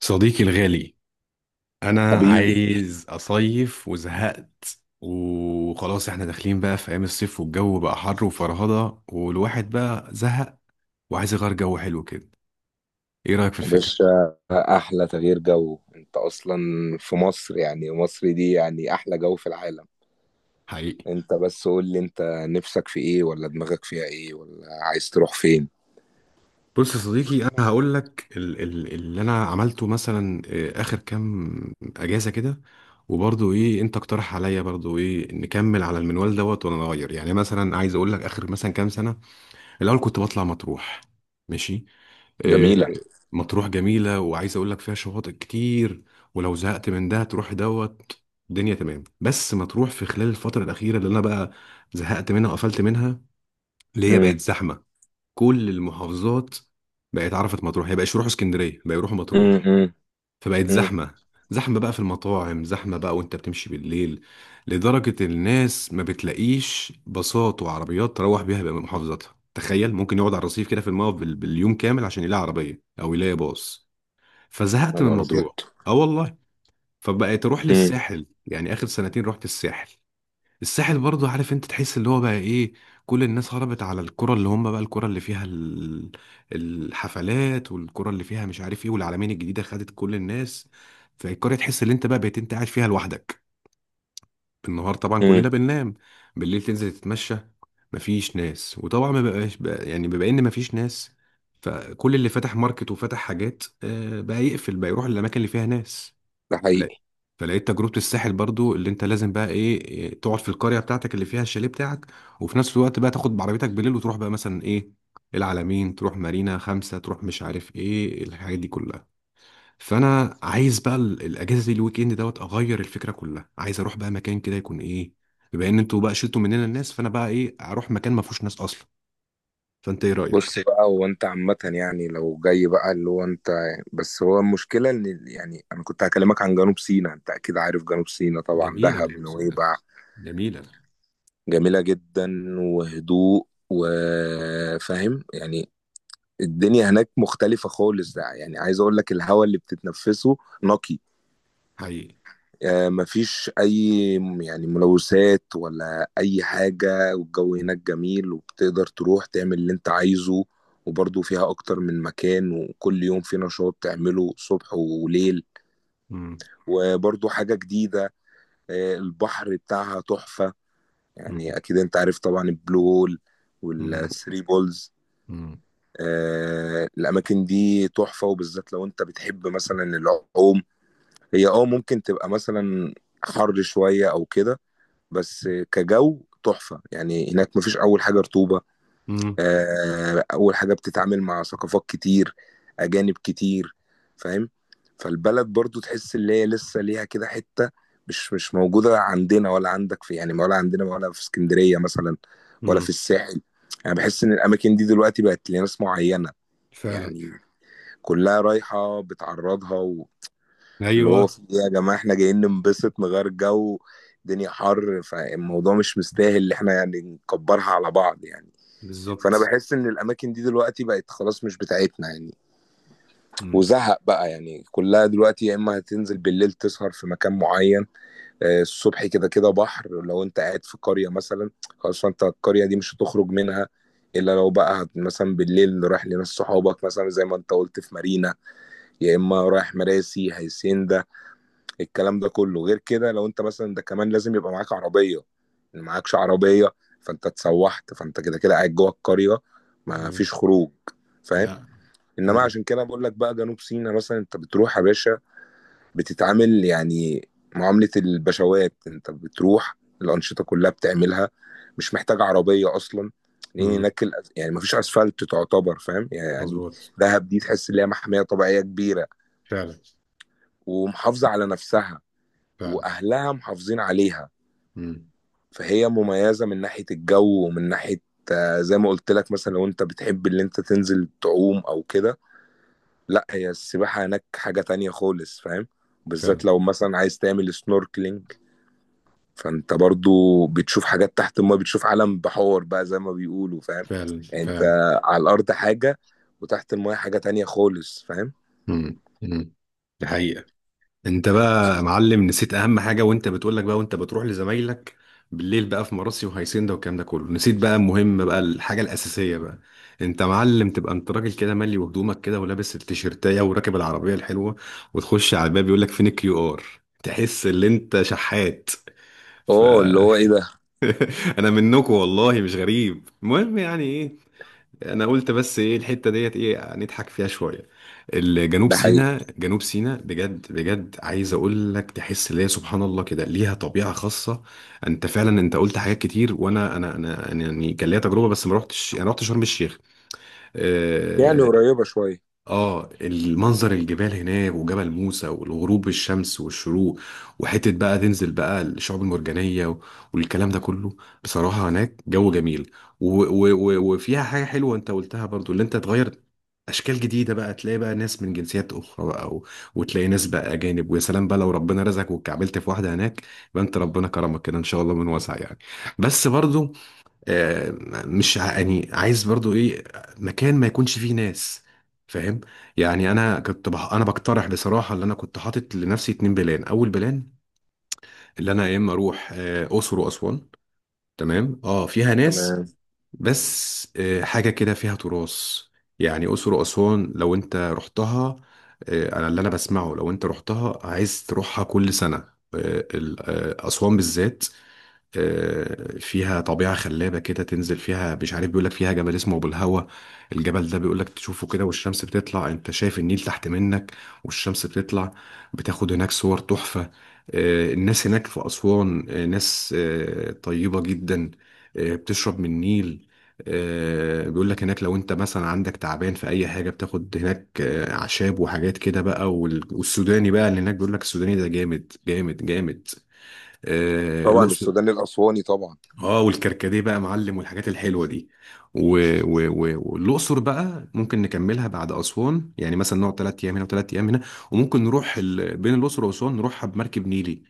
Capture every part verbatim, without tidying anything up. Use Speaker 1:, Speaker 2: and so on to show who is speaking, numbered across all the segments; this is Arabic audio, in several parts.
Speaker 1: صديقي الغالي، انا
Speaker 2: حبيبي.
Speaker 1: عايز اصيف وزهقت وخلاص احنا داخلين بقى في ايام الصيف والجو بقى حر وفرهضة والواحد بقى زهق وعايز يغير جو حلو كده. ايه رأيك في
Speaker 2: يا
Speaker 1: الفكرة؟
Speaker 2: باشا احلى تغيير جو انت اصلا في مصر، يعني مصر دي يعني احلى جو في العالم.
Speaker 1: حقيقي.
Speaker 2: انت بس قول لي انت نفسك في ايه، ولا دماغك فيها ايه، ولا عايز تروح فين؟
Speaker 1: بص يا صديقي، انا هقول لك ال ال اللي انا عملته مثلا آه، اخر كام اجازة كده، وبرضه ايه، انت اقترح عليا برضه ايه، نكمل على المنوال دوت ولا نغير؟ يعني مثلا عايز اقول لك اخر مثلا كام سنة الاول كنت بطلع مطروح. ماشي. آه،
Speaker 2: جميلة.
Speaker 1: مطروح جميلة، وعايز أقول لك فيها شواطئ كتير، ولو زهقت من ده تروح دوت. الدنيا تمام، بس مطروح في خلال الفترة الأخيرة اللي أنا بقى زهقت منها وقفلت منها، اللي هي
Speaker 2: امم
Speaker 1: بقت زحمة. كل المحافظات بقت عرفت مطروح، هي بقى يروحوا اسكندرية بقى يروحوا
Speaker 2: امم
Speaker 1: مطروح،
Speaker 2: امم
Speaker 1: فبقت
Speaker 2: امم
Speaker 1: زحمة. زحمة بقى في المطاعم، زحمة بقى وانت بتمشي بالليل، لدرجة الناس ما بتلاقيش باصات وعربيات تروح بيها بقى محافظتها. تخيل ممكن يقعد على الرصيف كده في الموقف بال- باليوم كامل عشان يلاقي عربية أو يلاقي باص. فزهقت
Speaker 2: يا
Speaker 1: من
Speaker 2: نهار ابيض.
Speaker 1: مطروح. اه والله. فبقيت اروح
Speaker 2: امم
Speaker 1: للساحل، يعني آخر سنتين رحت الساحل. الساحل برضو عارف انت تحس اللي هو بقى ايه، كل الناس هربت على الكرة اللي هم بقى الكرة اللي فيها ال- الحفلات، والكرة اللي فيها مش عارف ايه، والعلمين الجديدة خدت كل الناس. فالقرية تحس ان انت بقى بقيت انت قاعد فيها لوحدك. النهار طبعا
Speaker 2: امم
Speaker 1: كلنا بننام، بالليل تنزل تتمشى مفيش ناس. وطبعا ما بقاش بقى يعني، بما ان مفيش ناس، فكل اللي فتح ماركت وفتح حاجات آه، بقى يقفل بقى يروح للاماكن اللي فيها ناس.
Speaker 2: ده
Speaker 1: فلا-
Speaker 2: حقيقي.
Speaker 1: فلقيت تجربة الساحل برضو اللي انت لازم بقى ايه إيه، تقعد في القرية بتاعتك اللي فيها الشاليه بتاعك، وفي نفس الوقت بقى تاخد بعربيتك بالليل وتروح بقى مثلا ايه، العلمين، تروح مارينا خمسة، تروح مش عارف ايه الحاجات دي كلها. فانا عايز بقى ال- الاجازة دي الويك اند دوت اغير الفكرة كلها. عايز اروح بقى مكان كده يكون ايه، بما ان انتوا بقى شلتوا مننا الناس، فانا بقى ايه اروح مكان ما فيهوش ناس اصلا. فانت ايه رأيك؟
Speaker 2: بص بقى، هو انت عامة يعني لو جاي بقى اللي هو انت، بس هو المشكلة ان يعني انا كنت هكلمك عن جنوب سيناء، انت اكيد عارف جنوب سيناء طبعا،
Speaker 1: جميلة
Speaker 2: دهب،
Speaker 1: جنوب سيناء،
Speaker 2: نويبع.
Speaker 1: جميلة.
Speaker 2: جميلة جدا، وهدوء، وفاهم يعني. الدنيا هناك مختلفة خالص، ده يعني عايز اقول لك الهواء اللي بتتنفسه نقي.
Speaker 1: حقيقي.
Speaker 2: آه، مفيش اي م- يعني ملوثات ولا اي حاجة، والجو هناك جميل، وبتقدر تروح تعمل اللي انت عايزه. وبرضه فيها اكتر من مكان، وكل يوم في نشاط تعمله صبح وليل،
Speaker 1: مم.
Speaker 2: وبرضه حاجة جديدة. آه، البحر بتاعها تحفة،
Speaker 1: مم.
Speaker 2: يعني اكيد انت عارف طبعا البلو هول
Speaker 1: مم.
Speaker 2: والثري بولز.
Speaker 1: مم.
Speaker 2: آه، الاماكن دي تحفه، وبالذات لو انت بتحب مثلا العوم. هي اه ممكن تبقى مثلا حر شويه او كده، بس كجو تحفه. يعني هناك مفيش، اول حاجه رطوبه.
Speaker 1: مم.
Speaker 2: آه، اول حاجه بتتعامل مع ثقافات كتير، اجانب كتير، فاهم. فالبلد برضو تحس اللي هي لسه ليها كده حته مش مش موجوده عندنا، ولا عندك في يعني، ولا عندنا، ولا في اسكندريه مثلا، ولا في
Speaker 1: مم.
Speaker 2: الساحل. يعني بحس ان الاماكن دي دلوقتي بقت لناس معينه
Speaker 1: فعلا.
Speaker 2: يعني، كلها رايحة بتعرضها و... اللي هو
Speaker 1: ايوه.
Speaker 2: في ايه يا جماعة، احنا جايين ننبسط نغير جو. الدنيا حر، فالموضوع مش مستاهل اللي احنا يعني نكبرها على بعض يعني. فانا
Speaker 1: بالظبط.
Speaker 2: بحس ان الاماكن دي دلوقتي بقت خلاص مش بتاعتنا يعني،
Speaker 1: مم.
Speaker 2: وزهق بقى يعني، كلها دلوقتي يا اما هتنزل بالليل تسهر في مكان معين. آه، الصبح كده كده بحر، لو انت قاعد في قرية مثلا، خلاص فانت القرية دي مش هتخرج منها، الا لو بقى هت- مثلا بالليل رايح لناس صحابك، مثلا زي ما انت قلت في مارينا، يا اما رايح مراسي، هيسنده. الكلام ده كله غير كده، لو انت مثلا، ده كمان لازم يبقى معاك عربيه. ان معاكش عربيه فانت اتسوحت، فانت كده كده قاعد جوه القريه، ما
Speaker 1: مم.
Speaker 2: فيش خروج، فاهم.
Speaker 1: لا.
Speaker 2: انما
Speaker 1: مم.
Speaker 2: عشان كده بقول لك بقى جنوب سيناء مثلا انت بتروح يا باشا، بتتعامل يعني معامله البشوات. انت بتروح الانشطه كلها بتعملها، مش محتاج عربيه اصلا، لان
Speaker 1: مم.
Speaker 2: هناك الأس- يعني ما فيش اسفلت تعتبر، فاهم يعني.
Speaker 1: مظبوط.
Speaker 2: دهب دي تحس ان هي محميه طبيعيه كبيره،
Speaker 1: فعلا.
Speaker 2: ومحافظة على نفسها،
Speaker 1: فعلا.
Speaker 2: وأهلها محافظين عليها.
Speaker 1: مم.
Speaker 2: فهي مميزة من ناحية الجو، ومن ناحية، آه، زي ما قلت لك مثلا، لو انت بتحب اللي انت تنزل تعوم او كده، لا هي السباحة هناك حاجة تانية خالص، فاهم. بالذات
Speaker 1: فعلا.
Speaker 2: لو مثلا عايز تعمل سنوركلينج، فانت برضو بتشوف حاجات تحت الماء، بتشوف عالم بحور بقى زي ما بيقولوا، فاهم.
Speaker 1: فعلا.
Speaker 2: يعني انت
Speaker 1: فعلا.
Speaker 2: على الارض حاجة، وتحت الماء حاجة تانية خالص، فاهم.
Speaker 1: مم. مم. دي حقيقة. انت بقى يا معلم نسيت اهم حاجه وانت بتقولك بقى وانت بتروح لزمايلك بالليل بقى في مراسي وهيسندا والكلام ده كله، نسيت بقى المهم بقى الحاجه الاساسيه بقى. انت معلم، تبقى انت راجل كده مالي وهدومك كده ولابس التيشيرتايه وراكب العربيه الحلوه، وتخش على الباب يقولك فين الكيو ار. تحس ان انت شحات. ف
Speaker 2: اه، اللي هو ايه ده.
Speaker 1: انا منكم والله مش غريب. المهم يعني ايه، انا قلت بس ايه الحته ديت ايه نضحك فيها شويه. الجنوب
Speaker 2: ده حقيقي.
Speaker 1: سيناء، جنوب سيناء بجد بجد، عايز اقول لك تحس اللي هي سبحان الله كده ليها طبيعه خاصه. انت فعلا انت قلت حاجات كتير، وانا انا انا أنا يعني كان ليا تجربه بس ما رحتش، انا رحت شرم الشيخ.
Speaker 2: يعني
Speaker 1: آه،
Speaker 2: قريبة شوية.
Speaker 1: اه المنظر الجبال هناك وجبل موسى والغروب الشمس والشروق، وحتة بقى تنزل بقى الشعاب المرجانية و- والكلام ده كله. بصراحة هناك جو جميل، و و و وفيها حاجة حلوة انت قلتها برضو اللي انت تغير اشكال جديدة بقى، تلاقي بقى ناس من جنسيات اخرى بقى و... وتلاقي ناس بقى اجانب. ويا سلام بقى لو ربنا رزقك واتكعبلت في واحدة هناك يبقى انت ربنا كرمك كده، ان شاء الله من واسع يعني. بس برضو آه، مش ع- يعني عايز برضو ايه، مكان ما يكونش فيه ناس. فاهم؟ يعني انا كنت بح... انا بقترح بصراحه اللي انا كنت حاطط لنفسي اتنين بلان. اول بلان اللي انا يا اما اروح آه، اقصر واسوان. تمام اه فيها ناس،
Speaker 2: تمام.
Speaker 1: بس آه، حاجه كده فيها تراث. يعني اقصر واسوان لو انت رحتها آه، انا اللي انا بسمعه لو انت رحتها عايز تروحها كل سنه. آه، ال- آه، اسوان بالذات، آه، فيها طبيعة خلابة كده تنزل فيها. مش عارف بيقولك فيها جبل اسمه أبو الهوى، الجبل ده بيقولك تشوفه كده والشمس بتطلع، أنت شايف النيل تحت منك والشمس بتطلع، بتاخد هناك صور تحفة. آه، الناس هناك في أسوان آه، ناس آه، طيبة جدا، آه، بتشرب من النيل. آه، بيقولك هناك لو أنت مثلا عندك تعبان في أي حاجة بتاخد هناك آه، أعشاب وحاجات كده بقى. وال- والسوداني بقى اللي هناك بيقولك السوداني ده جامد جامد جامد. آه،
Speaker 2: طبعا
Speaker 1: الأقصر.
Speaker 2: السوداني الأسواني طبعا.
Speaker 1: اه والكركديه بقى معلم والحاجات الحلوه دي، و... و... و... والاقصر بقى ممكن نكملها بعد اسوان، يعني مثلا نقعد ثلاث ايام هنا وثلاث ايام هنا. وممكن نروح ال... بين الاقصر واسوان نروحها بمركب نيلي.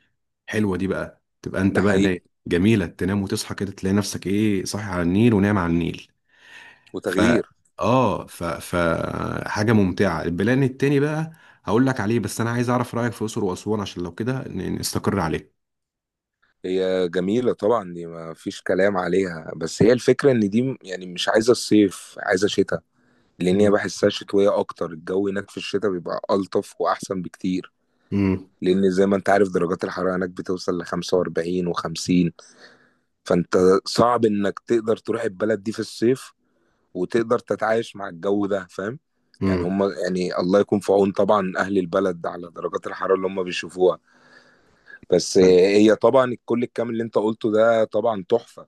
Speaker 1: حلوه دي بقى، تبقى انت
Speaker 2: ده
Speaker 1: بقى نايم.
Speaker 2: حقيقي.
Speaker 1: جميله، تنام وتصحى كده تلاقي نفسك ايه صاحي على النيل ونايم على النيل. ف
Speaker 2: وتغيير.
Speaker 1: اه ف... ف حاجه ممتعه. البلان التاني بقى هقول لك عليه، بس انا عايز اعرف رايك في الاقصر واسوان عشان لو كده ن- نستقر عليه.
Speaker 2: هي جميلة طبعا، دي ما فيش كلام عليها، بس هي الفكرة ان دي م- يعني مش عايزة الصيف، عايزة شتاء. لان هي
Speaker 1: امم.
Speaker 2: بحسها شتوية اكتر، الجو هناك في الشتاء بيبقى ألطف واحسن بكتير.
Speaker 1: امم.
Speaker 2: لان زي ما انت عارف، درجات الحرارة هناك بتوصل ل خمسة وأربعين و50، فانت صعب انك تقدر تروح البلد دي في الصيف، وتقدر تتعايش مع الجو ده، فاهم. يعني هم، يعني الله يكون في عون طبعا اهل البلد على درجات الحرارة اللي هم بيشوفوها. بس هي طبعا الكل الكامل اللي انت قلته ده طبعا تحفة،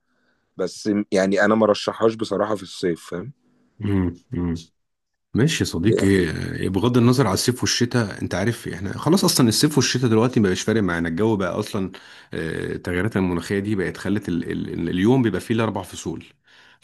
Speaker 2: بس يعني انا ما رشحهاش بصراحة في الصيف، فاهم.
Speaker 1: امم. ماشي يا صديقي.
Speaker 2: ده
Speaker 1: إيه، بغض النظر على الصيف والشتاء، انت عارف احنا خلاص اصلا الصيف والشتاء دلوقتي مبقاش فارق معانا، الجو بقى اصلا آه، التغيرات المناخيه دي بقت خلت ال ال اليوم بيبقى فيه الاربع فصول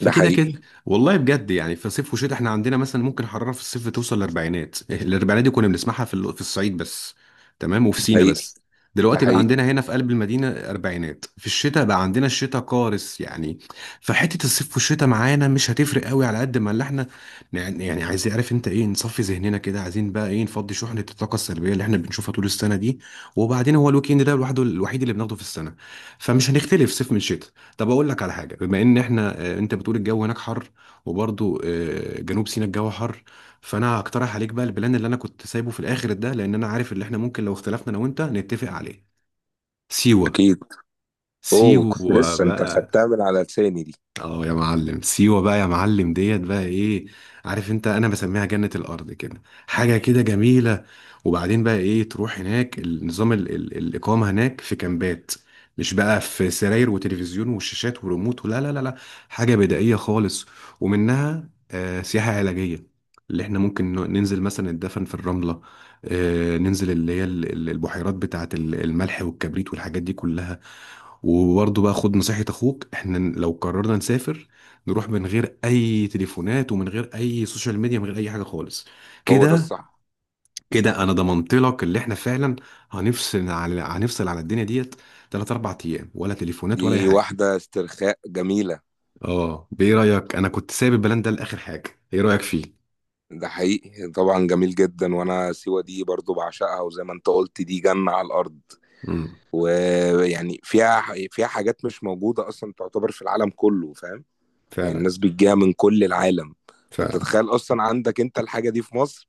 Speaker 2: ده حقيقي.
Speaker 1: كده. والله بجد يعني في صيف وشتاء، احنا عندنا مثلا ممكن حراره في الصيف توصل للاربعينات. إيه، الاربعينات دي كنا بنسمعها في ال- في الصعيد بس، تمام، وفي
Speaker 2: ده
Speaker 1: سينا
Speaker 2: حقيقي.
Speaker 1: بس.
Speaker 2: ده
Speaker 1: دلوقتي بقى
Speaker 2: حقيقي.
Speaker 1: عندنا هنا في قلب المدينه اربعينات، في الشتاء بقى عندنا الشتاء قارس يعني. فحته الصيف والشتاء معانا مش هتفرق قوي على قد ما اللي احنا يعني يعني عايز يعرف انت ايه، نصفي ذهننا كده، عايزين بقى ايه، نفضي شحنة الطاقة السلبية اللي احنا بنشوفها طول السنة دي. وبعدين هو الويك اند ده لوحده الوحيد اللي بناخده في السنة، فمش هنختلف صيف من شتاء. طب اقول لك على حاجة، بما ان احنا اه، انت بتقول الجو هناك حر، وبرضه اه، جنوب سيناء الجو حر، فانا هقترح عليك بقى البلان اللي انا كنت سايبه في الاخر ده، لان انا عارف ان احنا ممكن لو اختلفنا انا وانت نتفق عليه. سيوة.
Speaker 2: اكيد. اوه، كنت
Speaker 1: سيوة
Speaker 2: لسه انت
Speaker 1: بقى.
Speaker 2: خدتها من على لساني دي.
Speaker 1: اه يا معلم سيوة، بقى يا معلم ديت بقى ايه. عارف انت انا بسميها جنة الارض، كده حاجة كده جميلة. وبعدين بقى ايه تروح هناك، النظام ال ال الاقامة هناك في كامبات، مش بقى في سراير وتلفزيون وشاشات وريموت، ولا لا لا لا. حاجة بدائية خالص. ومنها آه سياحة علاجية، اللي احنا ممكن ن- ننزل مثلا الدفن في الرملة، آه ننزل اللي هي ال- ال- البحيرات بتاعة ال- الملح والكبريت والحاجات دي كلها. وبرضه بقى خد نصيحة اخوك، احنا لو قررنا نسافر نروح من غير اي تليفونات ومن غير اي سوشيال ميديا، من غير اي حاجة خالص
Speaker 2: هو ده
Speaker 1: كده.
Speaker 2: الصح.
Speaker 1: كده انا ضمنت لك اللي احنا فعلا هنفصل على هنفصل على الدنيا ديت، تلات اربع ايام ولا تليفونات ولا اي
Speaker 2: دي
Speaker 1: حاجة.
Speaker 2: واحدة استرخاء جميلة.
Speaker 1: اه، بايه رأيك؟ انا كنت سايب البلان ده لاخر حاجة، ايه رأيك فيه؟
Speaker 2: ده حقيقي طبعا، جميل جدا. وانا سيوة دي برضو بعشقها، وزي ما انت قلت دي جنة على الارض.
Speaker 1: امم.
Speaker 2: ويعني فيها فيها حاجات مش موجودة اصلا تعتبر في العالم كله، فاهم. يعني
Speaker 1: فعلا.
Speaker 2: الناس بتجيها من كل العالم، فانت
Speaker 1: فعلا.
Speaker 2: تخيل اصلا عندك انت الحاجه دي في مصر،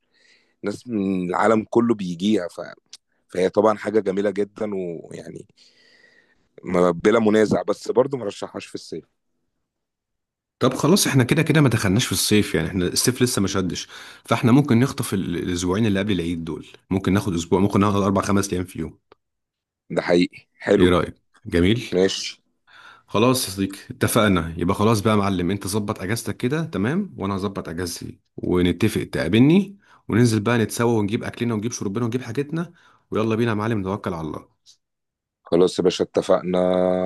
Speaker 2: ناس من العالم كله بيجيها، ف... فهي طبعا حاجه جميله جدا، ويعني ما- بلا منازع، بس برضو مرشحهاش في الصيف.
Speaker 1: طب خلاص، احنا كده كده ما دخلناش في الصيف، يعني احنا الصيف لسه ما شدش، فاحنا ممكن نخطف ال- الاسبوعين اللي قبل العيد دول، ممكن ناخد اسبوع، ممكن ناخد اربع خمس ايام في يوم.
Speaker 2: ده حقيقي،
Speaker 1: ايه
Speaker 2: حلو.
Speaker 1: رأيك؟ جميل.
Speaker 2: ماشي.
Speaker 1: خلاص يا صديقي اتفقنا، يبقى خلاص بقى يا معلم انت ظبط اجازتك كده تمام، وانا هظبط اجازتي ونتفق، تقابلني وننزل بقى نتسوى ونجيب اكلنا ونجيب شربنا ونجيب حاجتنا، ويلا بينا يا معلم نتوكل على الله.
Speaker 2: خلاص يا باشا اتفقنا،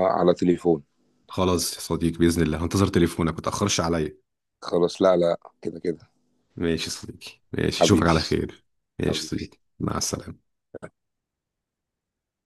Speaker 2: على تليفون.
Speaker 1: خلاص يا صديقي، بإذن الله هنتظر تليفونك متأخرش عليا.
Speaker 2: خلاص، لا لا، كده كده.
Speaker 1: ماشي يا صديقي، ماشي اشوفك
Speaker 2: حبيبي.
Speaker 1: على خير. ماشي يا
Speaker 2: حبيبي.
Speaker 1: صديقي، مع السلامة.